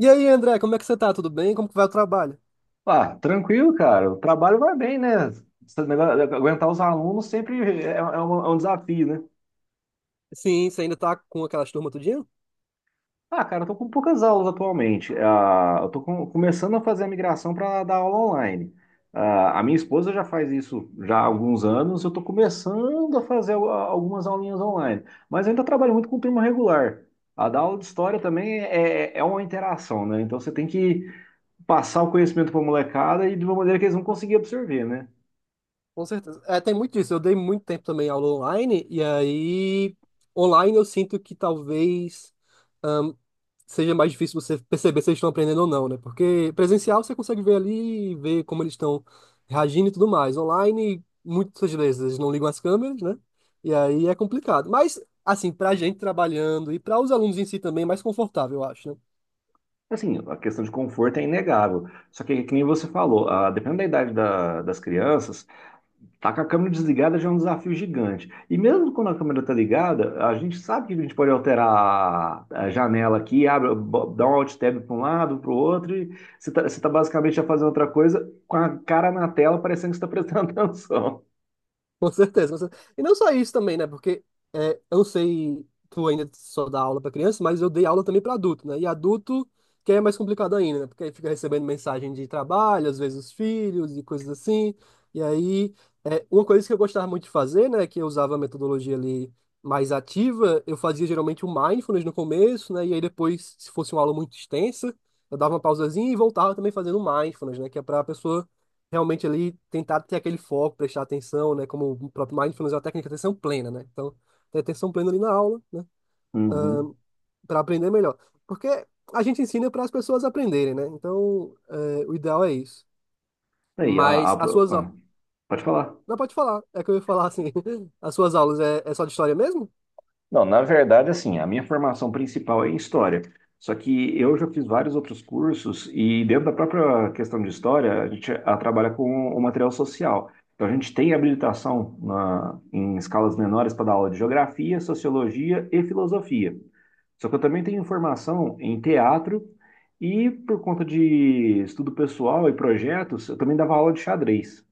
E aí, André, como é que você tá? Tudo bem? Como que vai o trabalho? Ah, tranquilo, cara. O trabalho vai bem, né? Esse negócio de aguentar os alunos sempre é um desafio, né? Sim, você ainda tá com aquelas turmas tudinho? Ah, cara, eu tô com poucas aulas atualmente. Ah, eu tô começando a fazer a migração para dar aula online. Ah, a minha esposa já faz isso já há alguns anos. Eu tô começando a fazer algumas aulinhas online, mas eu ainda trabalho muito com turma regular. A dar aula de história também é uma interação, né? Então você tem que passar o conhecimento para a molecada e de uma maneira que eles vão conseguir absorver, né? Com certeza. É, tem muito disso. Eu dei muito tempo também aula online, e aí, online eu sinto que talvez ahn, seja mais difícil você perceber se eles estão aprendendo ou não, né? Porque presencial você consegue ver ali, ver como eles estão reagindo e tudo mais. Online, muitas vezes eles não ligam as câmeras, né? E aí é complicado. Mas, assim, pra gente trabalhando e para os alunos em si também, é mais confortável, eu acho, né? Assim, a questão de conforto é inegável. Só que nem você falou, dependendo da idade das crianças, tá com a câmera desligada já é um desafio gigante. E mesmo quando a câmera tá ligada, a gente sabe que a gente pode alterar a janela aqui, abre, dá um alt tab para um lado, para o outro, e você tá basicamente já fazendo outra coisa com a cara na tela, parecendo que você está prestando atenção. Com certeza, com certeza. E não só isso também, né? Porque é, eu não sei, tu ainda só dá aula para criança, mas eu dei aula também para adulto, né? E adulto que é mais complicado ainda, né? Porque aí fica recebendo mensagem de trabalho, às vezes os filhos e coisas assim. E aí, é, uma coisa que eu gostava muito de fazer, né? Que eu usava a metodologia ali mais ativa, eu fazia geralmente o mindfulness no começo, né? E aí depois, se fosse uma aula muito extensa, eu dava uma pausazinha e voltava também fazendo mindfulness, né? Que é para a pessoa realmente ali tentar ter aquele foco, prestar atenção, né? Como o próprio Mindfulness é uma técnica de atenção plena, né? Então, ter atenção plena ali na aula, né? Uhum. Para aprender melhor. Porque a gente ensina para as pessoas aprenderem, né? Então, é, o ideal é isso. Aí, a- Mas as suas aulas. ah, Pode falar. Não, pode falar. É que eu ia falar assim. As suas aulas é, é só de história mesmo? Não, na verdade, assim, a minha formação principal é em história. Só que eu já fiz vários outros cursos e dentro da própria questão de história, a gente trabalha com o material social. Então a gente tem habilitação em escalas menores para dar aula de geografia, sociologia e filosofia. Só que eu também tenho formação em teatro e por conta de estudo pessoal e projetos, eu também dava aula de xadrez.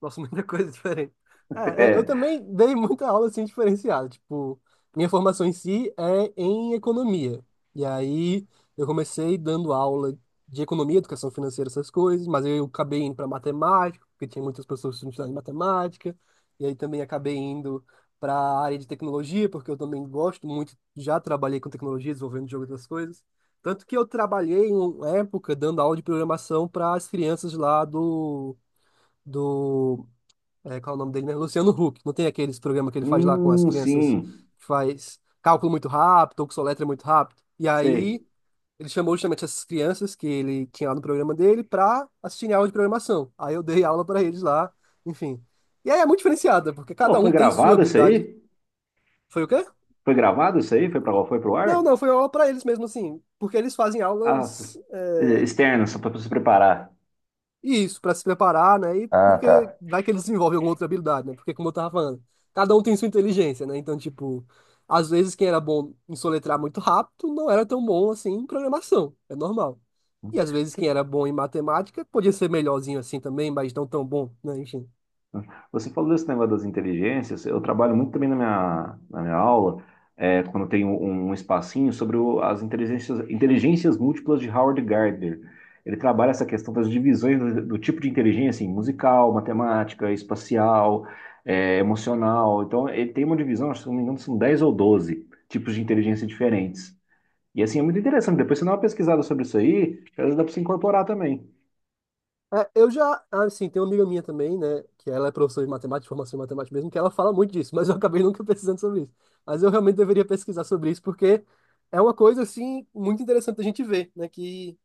Nossa, muita coisa diferente. É, é, eu É. também dei muita aula assim diferenciada. Tipo, minha formação em si é em economia. E aí eu comecei dando aula de economia, educação financeira, essas coisas, mas eu acabei indo para matemática, porque tinha muitas pessoas que estudavam em matemática. E aí também acabei indo para a área de tecnologia, porque eu também gosto muito, já trabalhei com tecnologia, desenvolvendo jogo e outras coisas. Tanto que eu trabalhei em uma época dando aula de programação para as crianças lá do é, qual é o nome dele mesmo? Luciano Huck. Não tem aqueles programas que ele faz lá com as crianças que sim, faz cálculo muito rápido ou que soletra muito rápido. E sei. aí ele chamou justamente essas crianças que ele tinha lá no programa dele para assistirem aula de programação. Aí eu dei aula para eles lá, enfim. E aí é muito diferenciada, porque cada Pô, foi um tem sua gravado isso habilidade. aí? Foi o quê? Foi gravado isso aí? Foi pro Não, ar? não, foi aula para eles mesmo assim, porque eles fazem Ah, s- aulas é, Externo, só para se preparar. isso, para se preparar, né? E Ah, porque tá. vai que eles desenvolvem alguma outra habilidade, né? Porque, como eu tava falando, cada um tem sua inteligência, né? Então, tipo, às vezes quem era bom em soletrar muito rápido não era tão bom assim em programação, é normal. E às vezes Você quem era bom em matemática podia ser melhorzinho assim também, mas não tão bom, né? Enfim. você falou desse negócio das inteligências. Eu trabalho muito também na minha aula, quando eu tenho um espacinho, sobre inteligências múltiplas de Howard Gardner. Ele trabalha essa questão das divisões do tipo de inteligência, assim, musical, matemática, espacial, emocional. Então, ele tem uma divisão, acho que se não me engano, são 10 ou 12 tipos de inteligência diferentes. E assim, é muito interessante. Depois você dá uma pesquisada sobre isso aí, que às dá para se incorporar também. É, eu já, ah, assim, tem uma amiga minha também, né? Que ela é professora de matemática, de formação em matemática mesmo, que ela fala muito disso, mas eu acabei nunca pesquisando sobre isso. Mas eu realmente deveria pesquisar sobre isso, porque é uma coisa, assim, muito interessante a gente ver, né? Que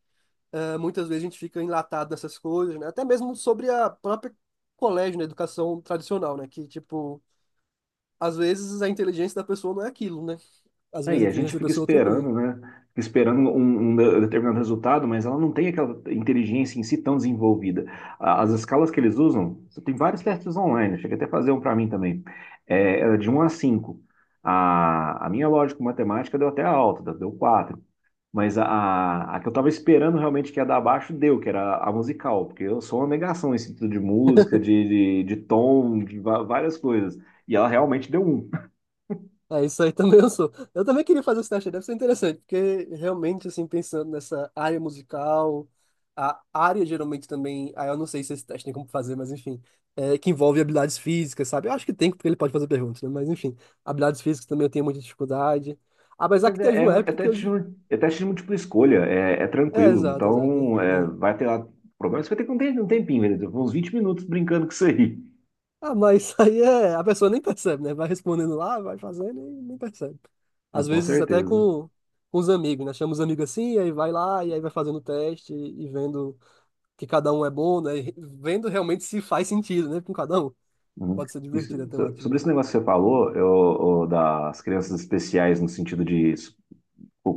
é, muitas vezes a gente fica enlatado nessas coisas, né? Até mesmo sobre a própria colégio, né? Educação tradicional, né? Que, tipo, às vezes a inteligência da pessoa não é aquilo, né? Às vezes Aí a a gente inteligência da fica pessoa é outra coisa. esperando, né? Fica esperando um determinado resultado, mas ela não tem aquela inteligência em si tão desenvolvida. As escalas que eles usam, você tem vários testes online, chega até a fazer um para mim também. É de um a cinco. A minha lógica matemática deu até alta, deu quatro. Mas a que eu tava esperando realmente que ia dar baixo, deu, que era a musical, porque eu sou uma negação em sentido de música, de tom, várias coisas. E ela realmente deu um. É, isso aí também eu sou. Eu também queria fazer esse teste, deve ser interessante, porque realmente, assim, pensando nessa área musical, a área geralmente também, ah, eu não sei se esse teste tem como fazer, mas enfim, é, que envolve habilidades físicas, sabe? Eu acho que tem, porque ele pode fazer perguntas, né? Mas enfim, habilidades físicas também eu tenho muita dificuldade. Apesar Mas que teve é, é, uma é época que eu teste, é teste de múltipla escolha, é é, tranquilo. exato, exato. Então, Né? É. vai ter lá. O problema é que você vai ter que ter um tempinho, beleza? Uns 20 minutos brincando com isso aí. Ah, mas isso aí é. A pessoa nem percebe, né? Vai respondendo lá, vai fazendo e nem percebe. Ah, Às com vezes até certeza. Com os amigos, né? Chama os amigos assim, e aí vai lá, e aí vai fazendo o teste e vendo que cada um é bom, né? E vendo realmente se faz sentido, né? Com cada um. Uhum. Pode ser divertido até uma Sobre esse atividade. negócio que você falou, o das crianças especiais no sentido de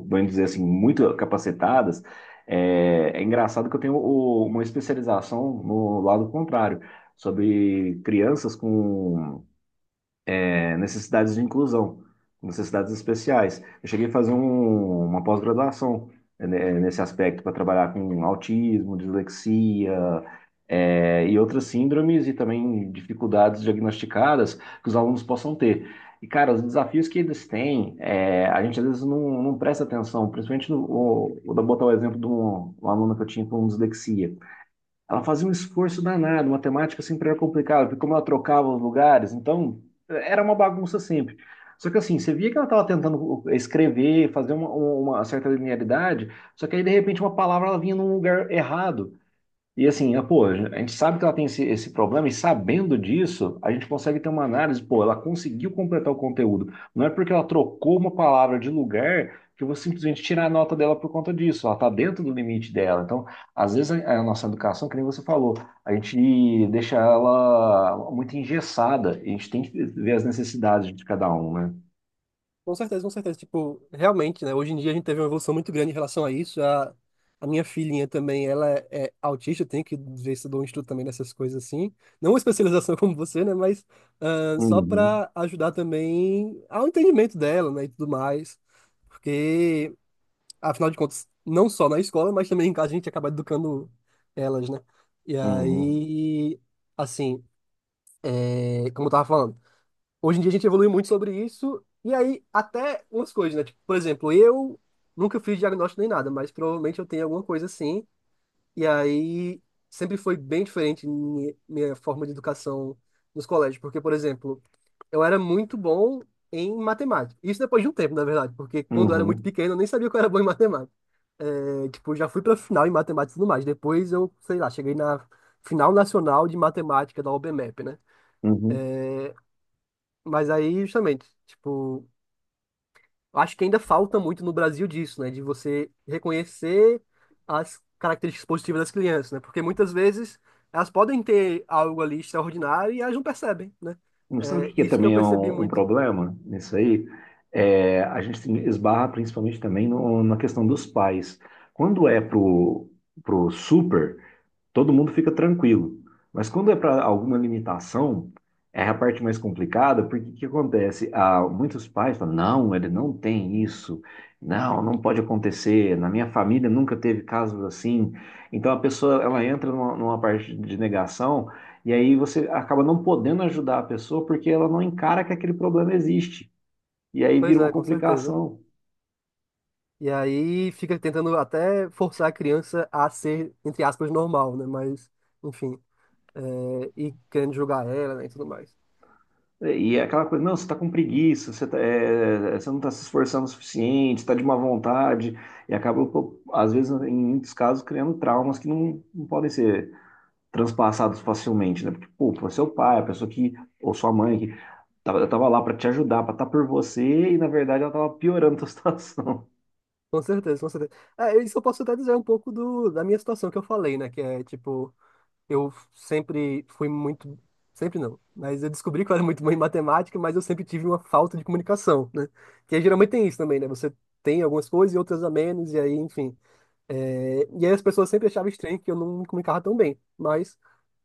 bem dizer assim, muito capacitadas, é engraçado que eu tenho uma especialização no lado contrário, sobre crianças com necessidades de inclusão, necessidades especiais. Eu cheguei a fazer uma pós-graduação, né, nesse aspecto para trabalhar com autismo, dislexia, e outras síndromes e também dificuldades diagnosticadas que os alunos possam ter. E, cara, os desafios que eles têm, a gente às vezes não presta atenção, principalmente no, o- vou dar- botar o exemplo de um aluno que eu tinha com dislexia. Ela fazia um esforço danado, matemática sempre era complicada, porque como ela trocava os lugares, então era uma bagunça sempre. Só que assim, você via que ela estava tentando escrever, fazer uma certa linearidade, só que aí de repente uma palavra ela vinha num lugar errado. E assim, pô, a gente sabe que ela tem esse problema, e sabendo disso, a gente consegue ter uma análise, pô, ela conseguiu completar o conteúdo. Não é porque ela trocou uma palavra de lugar que eu vou simplesmente tirar a nota dela por conta disso. Ela está dentro do limite dela. Então, às vezes, a nossa educação, que nem você falou, a gente deixa ela muito engessada. A gente tem que ver as necessidades de cada um, né? Com certeza, com certeza. Tipo, realmente, né? Hoje em dia a gente teve uma evolução muito grande em relação a isso. A minha filhinha também, ela é autista, eu tenho que ver se eu dou um estudo também nessas coisas assim. Não uma especialização como você, né? Mas ah, só Uhum, para ajudar também ao entendimento dela, né? E tudo mais. Porque, afinal de contas, não só na escola, mas também em casa a gente acaba educando elas, né? E uhum, aí, assim, é, como eu tava falando. Hoje em dia a gente evolui muito sobre isso, e aí até umas coisas, né? Tipo, por exemplo, eu nunca fiz diagnóstico nem nada, mas provavelmente eu tenho alguma coisa assim, e aí sempre foi bem diferente minha forma de educação nos colégios, porque, por exemplo, eu era muito bom em matemática. Isso depois de um tempo, na verdade, porque quando eu era muito uhum, pequeno eu nem sabia que eu era bom em matemática. É, tipo, já fui pra final em matemática e tudo mais. Depois eu, sei lá, cheguei na final nacional de matemática da OBMEP, né? uhum. Mas aí, justamente, tipo. Acho que ainda falta muito no Brasil disso, né? De você reconhecer as características positivas das crianças, né? Porque muitas vezes elas podem ter algo ali extraordinário e elas não percebem, né? Não sabe o É que que é isso que eu também é percebi um muito. problema nisso aí? É, a gente esbarra principalmente também na questão dos pais. Quando é pro super, todo mundo fica tranquilo. Mas quando é para alguma limitação, é a parte mais complicada, porque o que acontece? Ah, muitos pais falam, não, ele não tem isso, não, não pode acontecer, na minha família nunca teve casos assim. Então a pessoa, ela entra numa parte de negação, e aí você acaba não podendo ajudar a pessoa porque ela não encara que aquele problema existe. E aí vira Pois uma é, com certeza. complicação. E aí fica tentando até forçar a criança a ser, entre aspas, normal, né? Mas, enfim, é, e querendo julgar ela, né, e tudo mais. E é aquela coisa, não, você está com preguiça, você não está se esforçando o suficiente, está de má vontade, e acaba, pô, às vezes, em muitos casos, criando traumas que não podem ser transpassados facilmente, né? Porque, pô, foi seu pai, a pessoa que, ou sua mãe, que tava lá para te ajudar, para estar por você, e na verdade ela tava piorando a tua situação. Com certeza, com certeza. É, isso eu posso até dizer um pouco do, da minha situação que eu falei, né? Que é, tipo, eu sempre fui muito. Sempre não. Mas eu descobri que eu era muito bom em matemática, mas eu sempre tive uma falta de comunicação, né? Que geralmente tem isso também, né? Você tem algumas coisas e outras a menos, e aí, enfim. É, e aí as pessoas sempre achavam estranho que eu não me comunicava tão bem. Mas,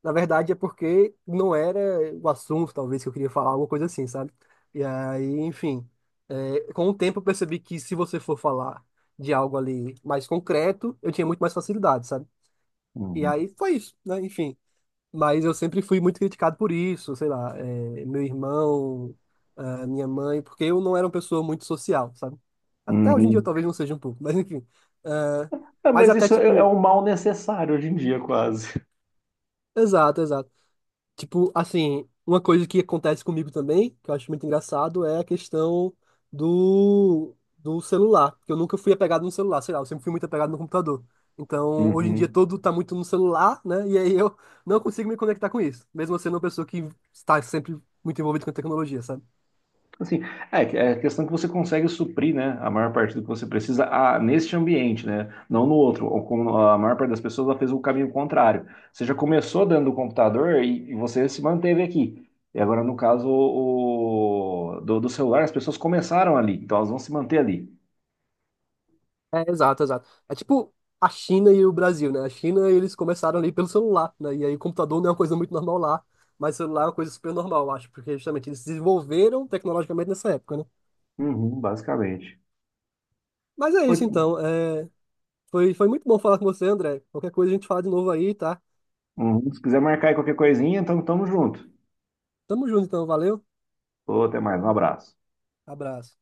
na verdade, é porque não era o assunto, talvez, que eu queria falar, alguma coisa assim, sabe? E aí, enfim. É, com o tempo eu percebi que se você for falar de algo ali mais concreto, eu tinha muito mais facilidade, sabe? E Uhum. aí foi isso, né? Enfim. Mas eu sempre fui muito criticado por isso, sei lá, meu irmão, ah, minha mãe, porque eu não era uma pessoa muito social, sabe? Até hoje em dia eu Uhum. talvez não seja um pouco, mas enfim. Ah, É, mas mas até isso é um tipo, mal necessário hoje em dia, quase. exato, exato. Tipo, assim, uma coisa que acontece comigo também, que eu acho muito engraçado, é a questão do, do celular. Que eu nunca fui apegado no celular, sei lá, eu sempre fui muito apegado no computador. Então, hoje em dia, Uhum. todo tá muito no celular, né? E aí eu não consigo me conectar com isso. Mesmo eu sendo uma pessoa que está sempre muito envolvida com a tecnologia, sabe? Assim, é a questão que você consegue suprir, né, a maior parte do que você precisa neste ambiente, né, não no outro. Ou como a maior parte das pessoas ela fez o caminho contrário. Você já começou dentro do computador e você se manteve aqui. E agora, no caso do celular, as pessoas começaram ali, então elas vão se manter ali. É, exato, exato. É tipo a China e o Brasil, né? A China, eles começaram ali pelo celular, né? E aí o computador não é uma coisa muito normal lá, mas o celular é uma coisa super normal, eu acho, porque justamente eles se desenvolveram tecnologicamente nessa época, né? Uhum, basicamente. Mas é Pô, isso então. É, foi, foi muito bom falar com você, André. Qualquer coisa a gente fala de novo aí, tá? uhum, se quiser marcar aí qualquer coisinha, então tamo junto. Tamo junto então, valeu. Ô, até mais, um abraço. Abraço.